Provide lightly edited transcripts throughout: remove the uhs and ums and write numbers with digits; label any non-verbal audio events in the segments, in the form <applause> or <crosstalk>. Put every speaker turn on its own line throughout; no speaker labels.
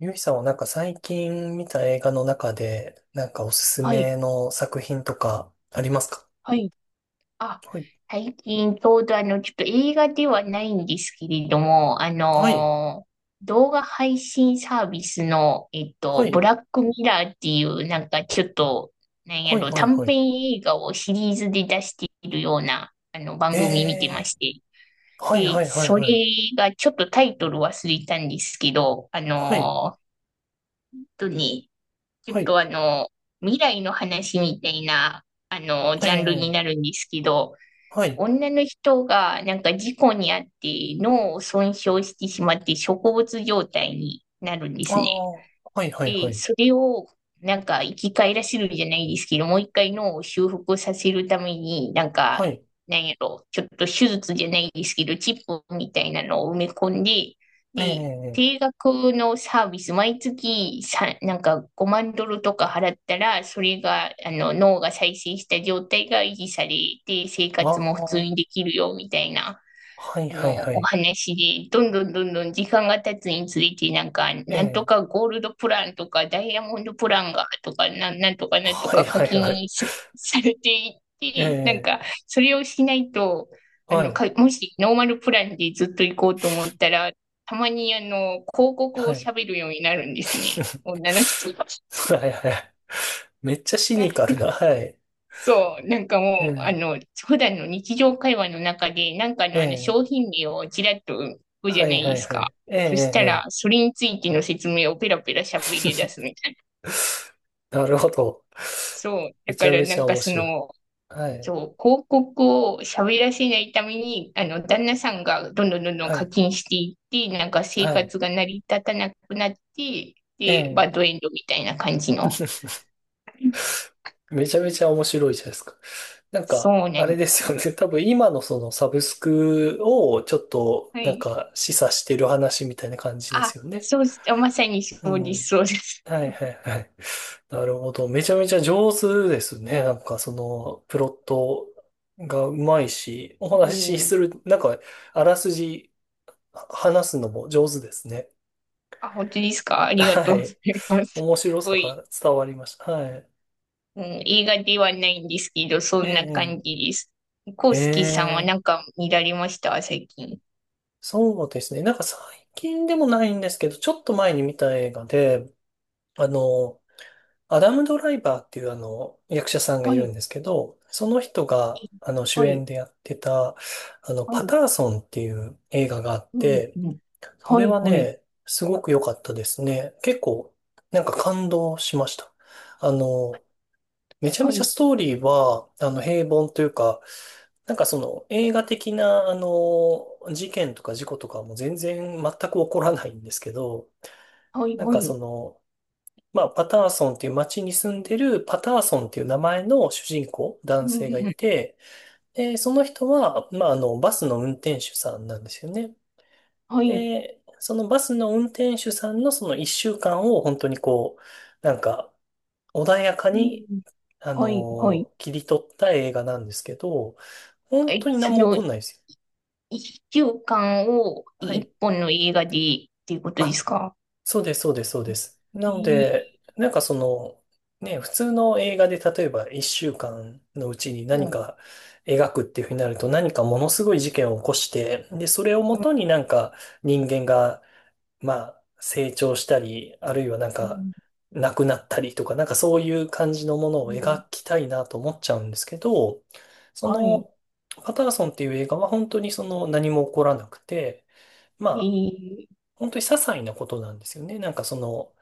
ゆいさんはなんか最近見た映画の中で、なんかおすす
はい、
めの作品とかありますか？
はい。あ、
はい。
最近ちょうどちょっと映画ではないんですけれども、
はい。
動画配信サービスの、
は
ブ
い。
ラックミラーっていう、なんかちょっと、なんや
はい。
ろ、
はい。
短
はい。
編映画をシリーズで出しているような、番組見てま
え
して。
ー。はい。
で、
はい。はい。
それ
はい。
がちょっとタイトル忘れたんですけど、
はい。
本当に、ちょっ
はい。
とあの、未来の話みたいな、
え
ジャンルに
ー。
なるんですけど、
はい。
女の人がなんか事故にあって脳を損傷してしまって植物状態になるんで
あ
すね。
あ。はい。はい。は
で、
い。
それを、なんか、生き返らせるじゃないですけど、もう一回脳を修復させるために、なん
は
か、
い。
なんやろ、ちょっと手術じゃないですけど、チップみたいなのを埋め込んで、で、
え
定額のサービス、毎月さ、なんか5万ドルとか払ったら、それが、脳が再生した状態が維持されて、生
ー。
活も普
あ
通
あ。
にできるよ、みたいな。
はい。はい。は
お
い。
話で、どんどんどんどん時間が経つにつれて、なんか、
え
なんと
ー。
かゴールドプランとか、ダイヤモンドプランが、とか、なんとかなんと
はい。
か課
はい。はい。
金さ、<laughs> されていって、なん
え
か、それをしないと、
ー。はい。
もしノーマルプランでずっと行こうと思ったら、たまに広告を
はい。
喋るようになるんですね。
<laughs>
女の人が。
はい。はい。めっちゃシニカルな。はい。
そう、なんか
え
もう、
ー。
普段の日常会話の中で、なんか
え
のあの
ー
商品名をちらっと言うじ
は
ゃな
い
い
は
で
い
す
は
か。
い。ええ、ええ、
そしたら、
ええ。
それについての説明をペラペラ喋り出すみたいな。
<laughs> なるほど。
そう、
<laughs> め
だ
ち
か
ゃ
ら
め
な
ち
ん
ゃ
か
面白い。はい、
そう、広告を喋らせないために、旦那さんがどんどんどんどん
は
課
い、
金していって、なんか生
はい。
活が成り立たなくなって、
え
で、
え、
バッドエンドみたいな感じの。
めちゃめちゃ面白いじゃないですか。なんか、
そうな
あ
ん
れ
で
で
す
す
よ。
よね。<laughs> 多分今のそのサブスクをちょっと
は
なん
い。
か示唆してる話みたいな感じで
あ、
すよね。
そう、まさに
う
そうです、
ん。
そうです。
はいはいはい。<laughs> なるほど。めちゃめちゃ上手ですね。なんかそのプロットがうまいし、お
う
話し
ん。
する、なんかあらすじ話すのも上手ですね。
あ、本当ですか？ありがと
は
うござ
い。
います。す
面白さ
ごい、
が伝わりました。はい。
うん、映画ではないんですけど、そ
え
んな感
え、
じです。コウ
え
スケさんは
え、
なんか見られました最近？
そうですね。なんか最近でもないんですけど、ちょっと前に見た映画で、あの、アダム・ドライバーっていうあの、役者さんがい
は
るん
い、
ですけど、その人が、主
は
演
い、
でやってた、
は
パ
い、
ターソンっていう映画があっ
うん、
て、
うん。
そ
は
れ
い、
は
はい、
ね、すごく良かったですね。結構、なんか感動しました。あの、めちゃめ
は
ちゃ
い、
ストーリーは、平凡というか、なんかその映画的な、事件とか事故とかも全然全く起こらないんですけど、
はい、
なん
は
かそ
い、
の、まあ、パターソンっていう街に住んでるパターソンっていう名前の主人公、男
うん。
性がいて、で、その人は、まあ、バスの運転手さんなんですよね。
はい、
で、そのバスの運転手さんのその一週間を本当にこう、なんか、穏やか
う
に
ん。はい、はい。
切り取った映画なんですけど、本
え、
当に何
それ
も起こ
を
んないですよ。
一週間を
は
一
い。
本の映画でっていうことで
あ、
すか？
そうです、そうです、そうです。な
え
の
ー、
で、なんかその、ね、普通の映画で例えば一週間のうちに何
うん、
か描くっていうふうになると何かものすごい事件を起こして、で、それをも
うん、
とになんか人間がまあ、成長したり、あるいはなん
う
か、
ん、
亡くなったりとか、なんかそういう感じのものを
うん、
描きたいなと思っちゃうんですけど、そ
はい、
の、パターソンっていう映画は本当にその何も起こらなくて、ま
え
あ、
ー、
本当に些細なことなんですよね。なんかその、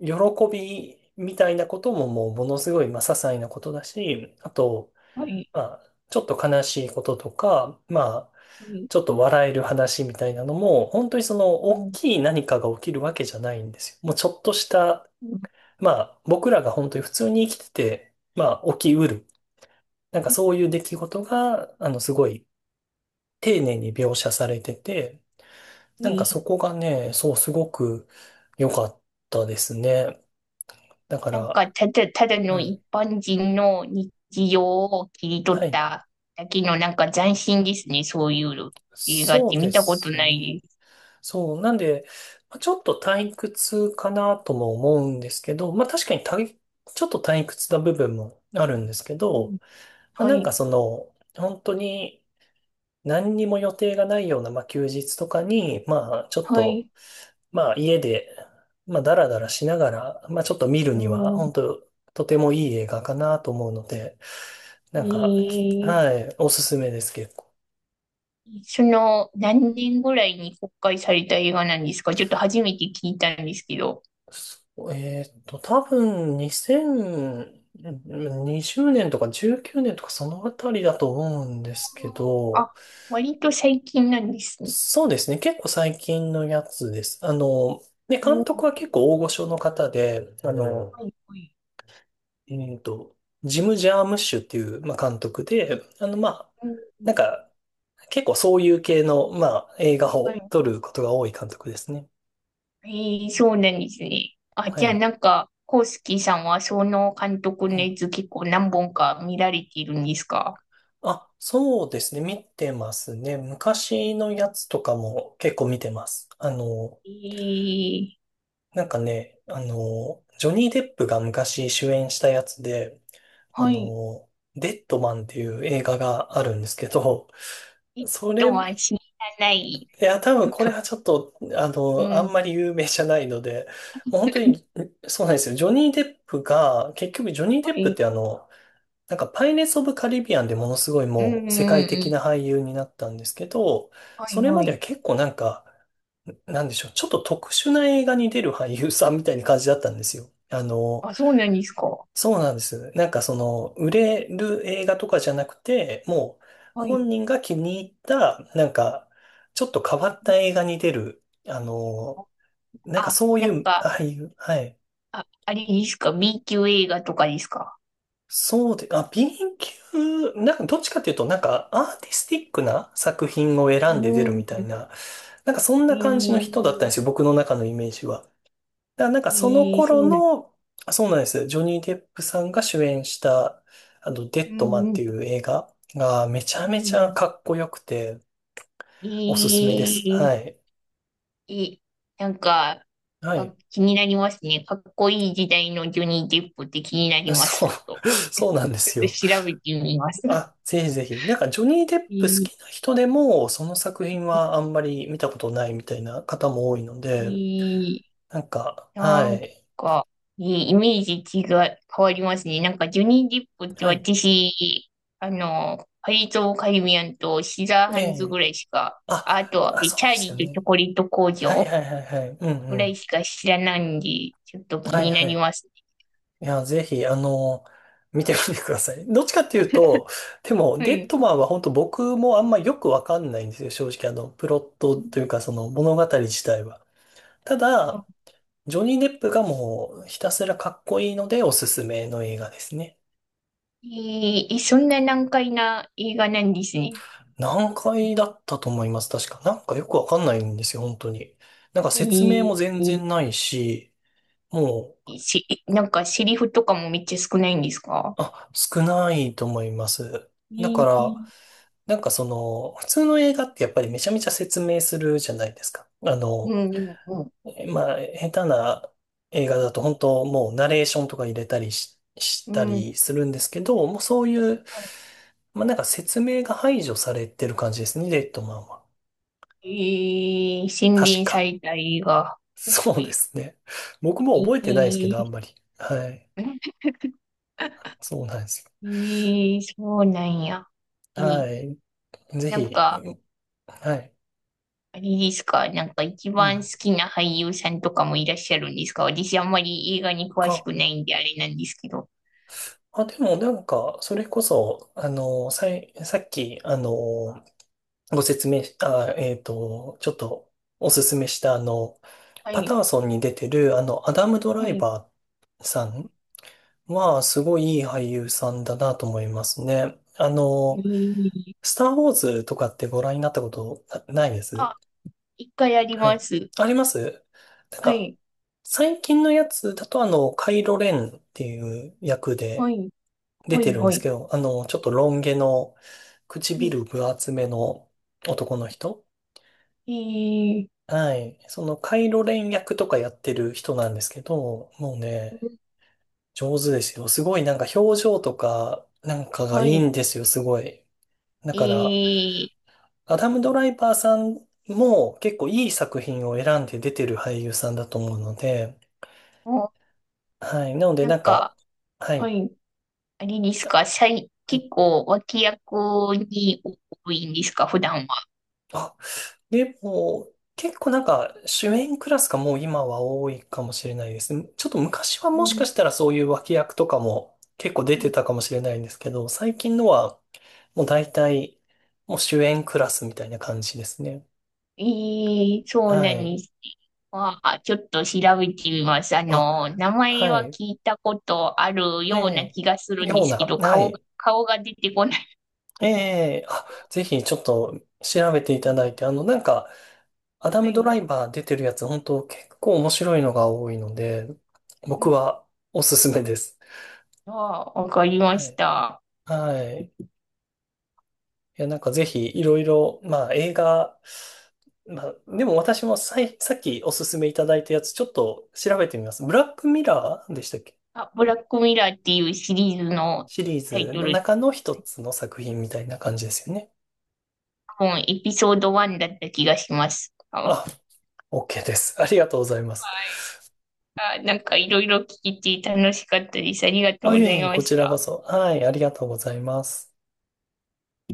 喜びみたいなことももうものすごい、まあ、些細なことだし、あと、
はい。
まあ、ちょっと悲しいこととか、まあ、
はい。
ちょっと笑える話みたいなのも、本当にその
う
大
ん。
きい何かが起きるわけじゃないんですよ。もうちょっとした、まあ僕らが本当に普通に生きてて、まあ起きうる。なんかそういう出来事が、あのすごい丁寧に描写されてて、なんかそ
い
こがね、そうすごく良かったですね。だか
なん
ら、
か、ただの
は
一
い。
般人の日常を切り取
は
っ
い。
ただけの、なんか斬新ですね。そういうの映画っ
そう
て
で
見たこと
す
な
ね。
いです。
そう、なんで、まあちょっと退屈かなとも思うんですけど、まあ確かに退ちょっと退屈な部分もあるんですけ
うん。
ど、まあ
は
なん
い。
かその、本当に何にも予定がないような、まあ休日とかに、まあちょっ
はい。
と、まあ家で、まあダラダラしながら、まあちょっと見るには、
うん。
本当とてもいい映画かなと思うので、
え
なんか、き
ー
はい、おすすめです結構。
何年ぐらいに公開された映画なんですか？ちょっと初めて聞いたんですけど。
そう多分2020年とか19年とかそのあたりだと思うんですけど、
あ、割と最近なんですね。
そうですね、結構最近のやつです。ね、
う
監
ん。
督は結構大御所の方で、あうの、
はい。はい。
ん。ジム・ジャームッシュっていう、まあ、監督で、まあ、
うん。
なんか、結構そういう系の、まあ、映画
は
を
い、
撮ることが多い監督ですね。
ええ、そうなんですね。あ、
は
じゃあ
い。
なんか、コウスキさんはその監督のやつ結構何本か見られているんですか？
あ、そうですね。見てますね。昔のやつとかも結構見てます。
ええ、
なんかね、ジョニー・デップが昔主演したやつで、あ
はい。
の、デッドマンっていう映画があるんですけど、
えっ
それ、い
とは知らない。
や、多分これ
<laughs>
はちょっと、
う
あ
ん、
んまり有名じゃないので、もう本当に、そうなんですよ。ジョニー・デップが、結局ジョニー・デ
は
ップっ
い。
てあの、なんかパイレーツ・オブ・カリビアンでものすごい
うん、う
もう世
ん、
界
う
的
ん、
な俳優になったんですけど、
は
そ
い、
れま
は
では
い。
結構なんか、なんでしょう、ちょっと特殊な映画に出る俳優さんみたいな感じだったんですよ。
あ、そうなんですか。
そうなんです。なんかその、売れる映画とかじゃなくて、もう
はい。
本人が気に入った、なんか、ちょっと変わった映画に出る、なんか
あ、
そう
な
い
ん
う
か、
俳優、はい。
あ、あれですか？ B 級映画とかですか？
そうで、あ、B&Q、なんかどっちかっていうと、なんかアーティスティックな作品を選んで出
う
るみた
ん、
いな、なんかそん
え
な感じの人だったんで
ー
すよ、僕の中のイメージは。だからなんかその
ええ、そ
頃
うなん、
の、あそうなんです、ジョニー・デップさんが主演した、デ
う
ッドマン
ん、
っ
うん、
ていう映画がめちゃ
う
めちゃ
ん。
かっこよくて、おす
え
すめです。
え、
はい。
いい。なんか、
は
あ、
い。
気になりますね。かっこいい時代のジョニー・デップって気になりま
そ
す。ちょっと
う、<laughs> そうなんで
ちょ
すよ。
っと調べてみます。<laughs>
あ、ぜひぜひ。なんか、ジョニー・デッ
い
プ好
い、
きな人でも、その作品はあんまり見たことないみたいな方も多いので、
いい、
なんか、
な
は
ん
い。
か、いいイメージ違い、変わりますね。なんか、ジョニー・デップって
はい。
私、パリとカリビアンとシザー
え
ハンズ
え。
ぐらいしか、
あ、
あと、
あ、そ
チ
うで
ャー
す
リ
よ
ーとチ
ね。
ョコレート工
はい
場
はいはいはい。うん
ぐ
う
ら
ん。
いしか知らないんで、ちょっと気
はい
にな
は
り
い。
ますね。
いや、ぜひ、見てみてください。どっちかっていうと、でも、
は
デッ
い。
ドマンは本当僕もあんまよくわかんないんですよ。正直、プロットというか、その物語自体は。ただ、ジョニー・デップがもうひたすらかっこいいのでおすすめの映画ですね。
ええ、そんな難解な映画なんですね。
何回だったと思います、確か。なんかよくわかんないんですよ、本当に。なんか説明
え
も
ー、
全然ないし、もう、
えし、なんかセリフとかもめっちゃ少ないんですか？
あ、少ないと思います。だ
え
か
ー、
ら、なんかその、普通の映画ってやっぱりめちゃめちゃ説明するじゃないですか。
うん、うん、うん。
えまあ、下手な映画だと本当もうナレーションとか入れたりし、し
う
た
ん、
りするんですけど、もうそういう、
は
まあなんか説明が排除されてる感じですね、レッドマンは。
い。洗
確
練さ
か。
れた映画。
そ
は
うで
い。
すね。僕も
え
覚えてないですけど、あん
ー、
まり。はい。そうなんです
えそうなんや。
よ。
えー、
はい。ぜ
なん
ひ。
か、
はい。
あれですか、なんか一
う
番好
ん。
きな俳優さんとかもいらっしゃるんですか？私あんまり映画に詳し
あ、
くないんであれなんですけど。
あ、でもなんか、それこそ、さい、さっき、ご説明し、あ、ちょっとおすすめしたあの、
は
パタ
い。
ーソンに出てるあの、アダム・ドラ
は
イ
い。
バーさんは、すごいいい俳優さんだなと思いますね。
えー、
スター・ウォーズとかってご覧になったことなないで
あ、
す
一回やり
は
ま
い。
す。
ありますなん
は
か、
い、
最近のやつだとあの、カイロ・レンっていう役
は
で
い、
出
は
て
い、
るんで
は
す
い。
けど、ちょっとロン毛の
うん、
唇分厚めの男の人
えー、
はい。その、カイロ連役とかやってる人なんですけど、もう
う
ね、
ん、
上手ですよ。すごいなんか表情とか、なんかがい
は
い
い。
んですよ、すごい。だ
え
から、
ー、
アダム・ドライバーさんも結構いい作品を選んで出てる俳優さんだと思うので、
も
はい。なので
う、な
な
ん
んか、
か、
は
は
い。
い、あれです
あ
か、
はい。
結構脇役に多いんですか、普段は？
あでも、結構なんか主演クラスがもう今は多いかもしれないですね。ちょっと昔は
う
もし
ん、
かしたらそういう脇役とかも結構出
う
て
ん、
たかもしれないんですけど、最近のはもう大体もう主演クラスみたいな感じですね。
えそう
は
なん
い。
ですね。まあ、ちょっと調べてみます。
あ、
名前
は
は
い。
聞いたことある
え
ような
え。
気がするんで
よう
す
な、
けど、
はい。
顔が出てこない。
ええ。あ、ぜひちょっと調べていただいて、あのなんかアダ
は
ムドラ
い。
イバー出てるやつ本当結構面白いのが多いので、
う
僕
ん、
はおすすめです。
ああ、わかりま
は
し
い。
た。
はい。いや、なんかぜひいろいろ、まあ映画、まあでも私もさい、さっきおすすめいただいたやつちょっと調べてみます。ブラックミラーでしたっけ？
あ、ブラックミラーっていうシリーズの
シリー
タイ
ズ
ト
の
ル、
中の一つの作品みたいな感じですよね。
多分エピソード1だった気がします。あ、は
あ、OK です。ありがとうございます。
い。あ、なんかいろいろ聞いて楽しかったです。ありがとう
あ、
ご
いえ
ざい
いえ、
ま
こ
し
ちらこ
た。
そ。はい、ありがとうございます。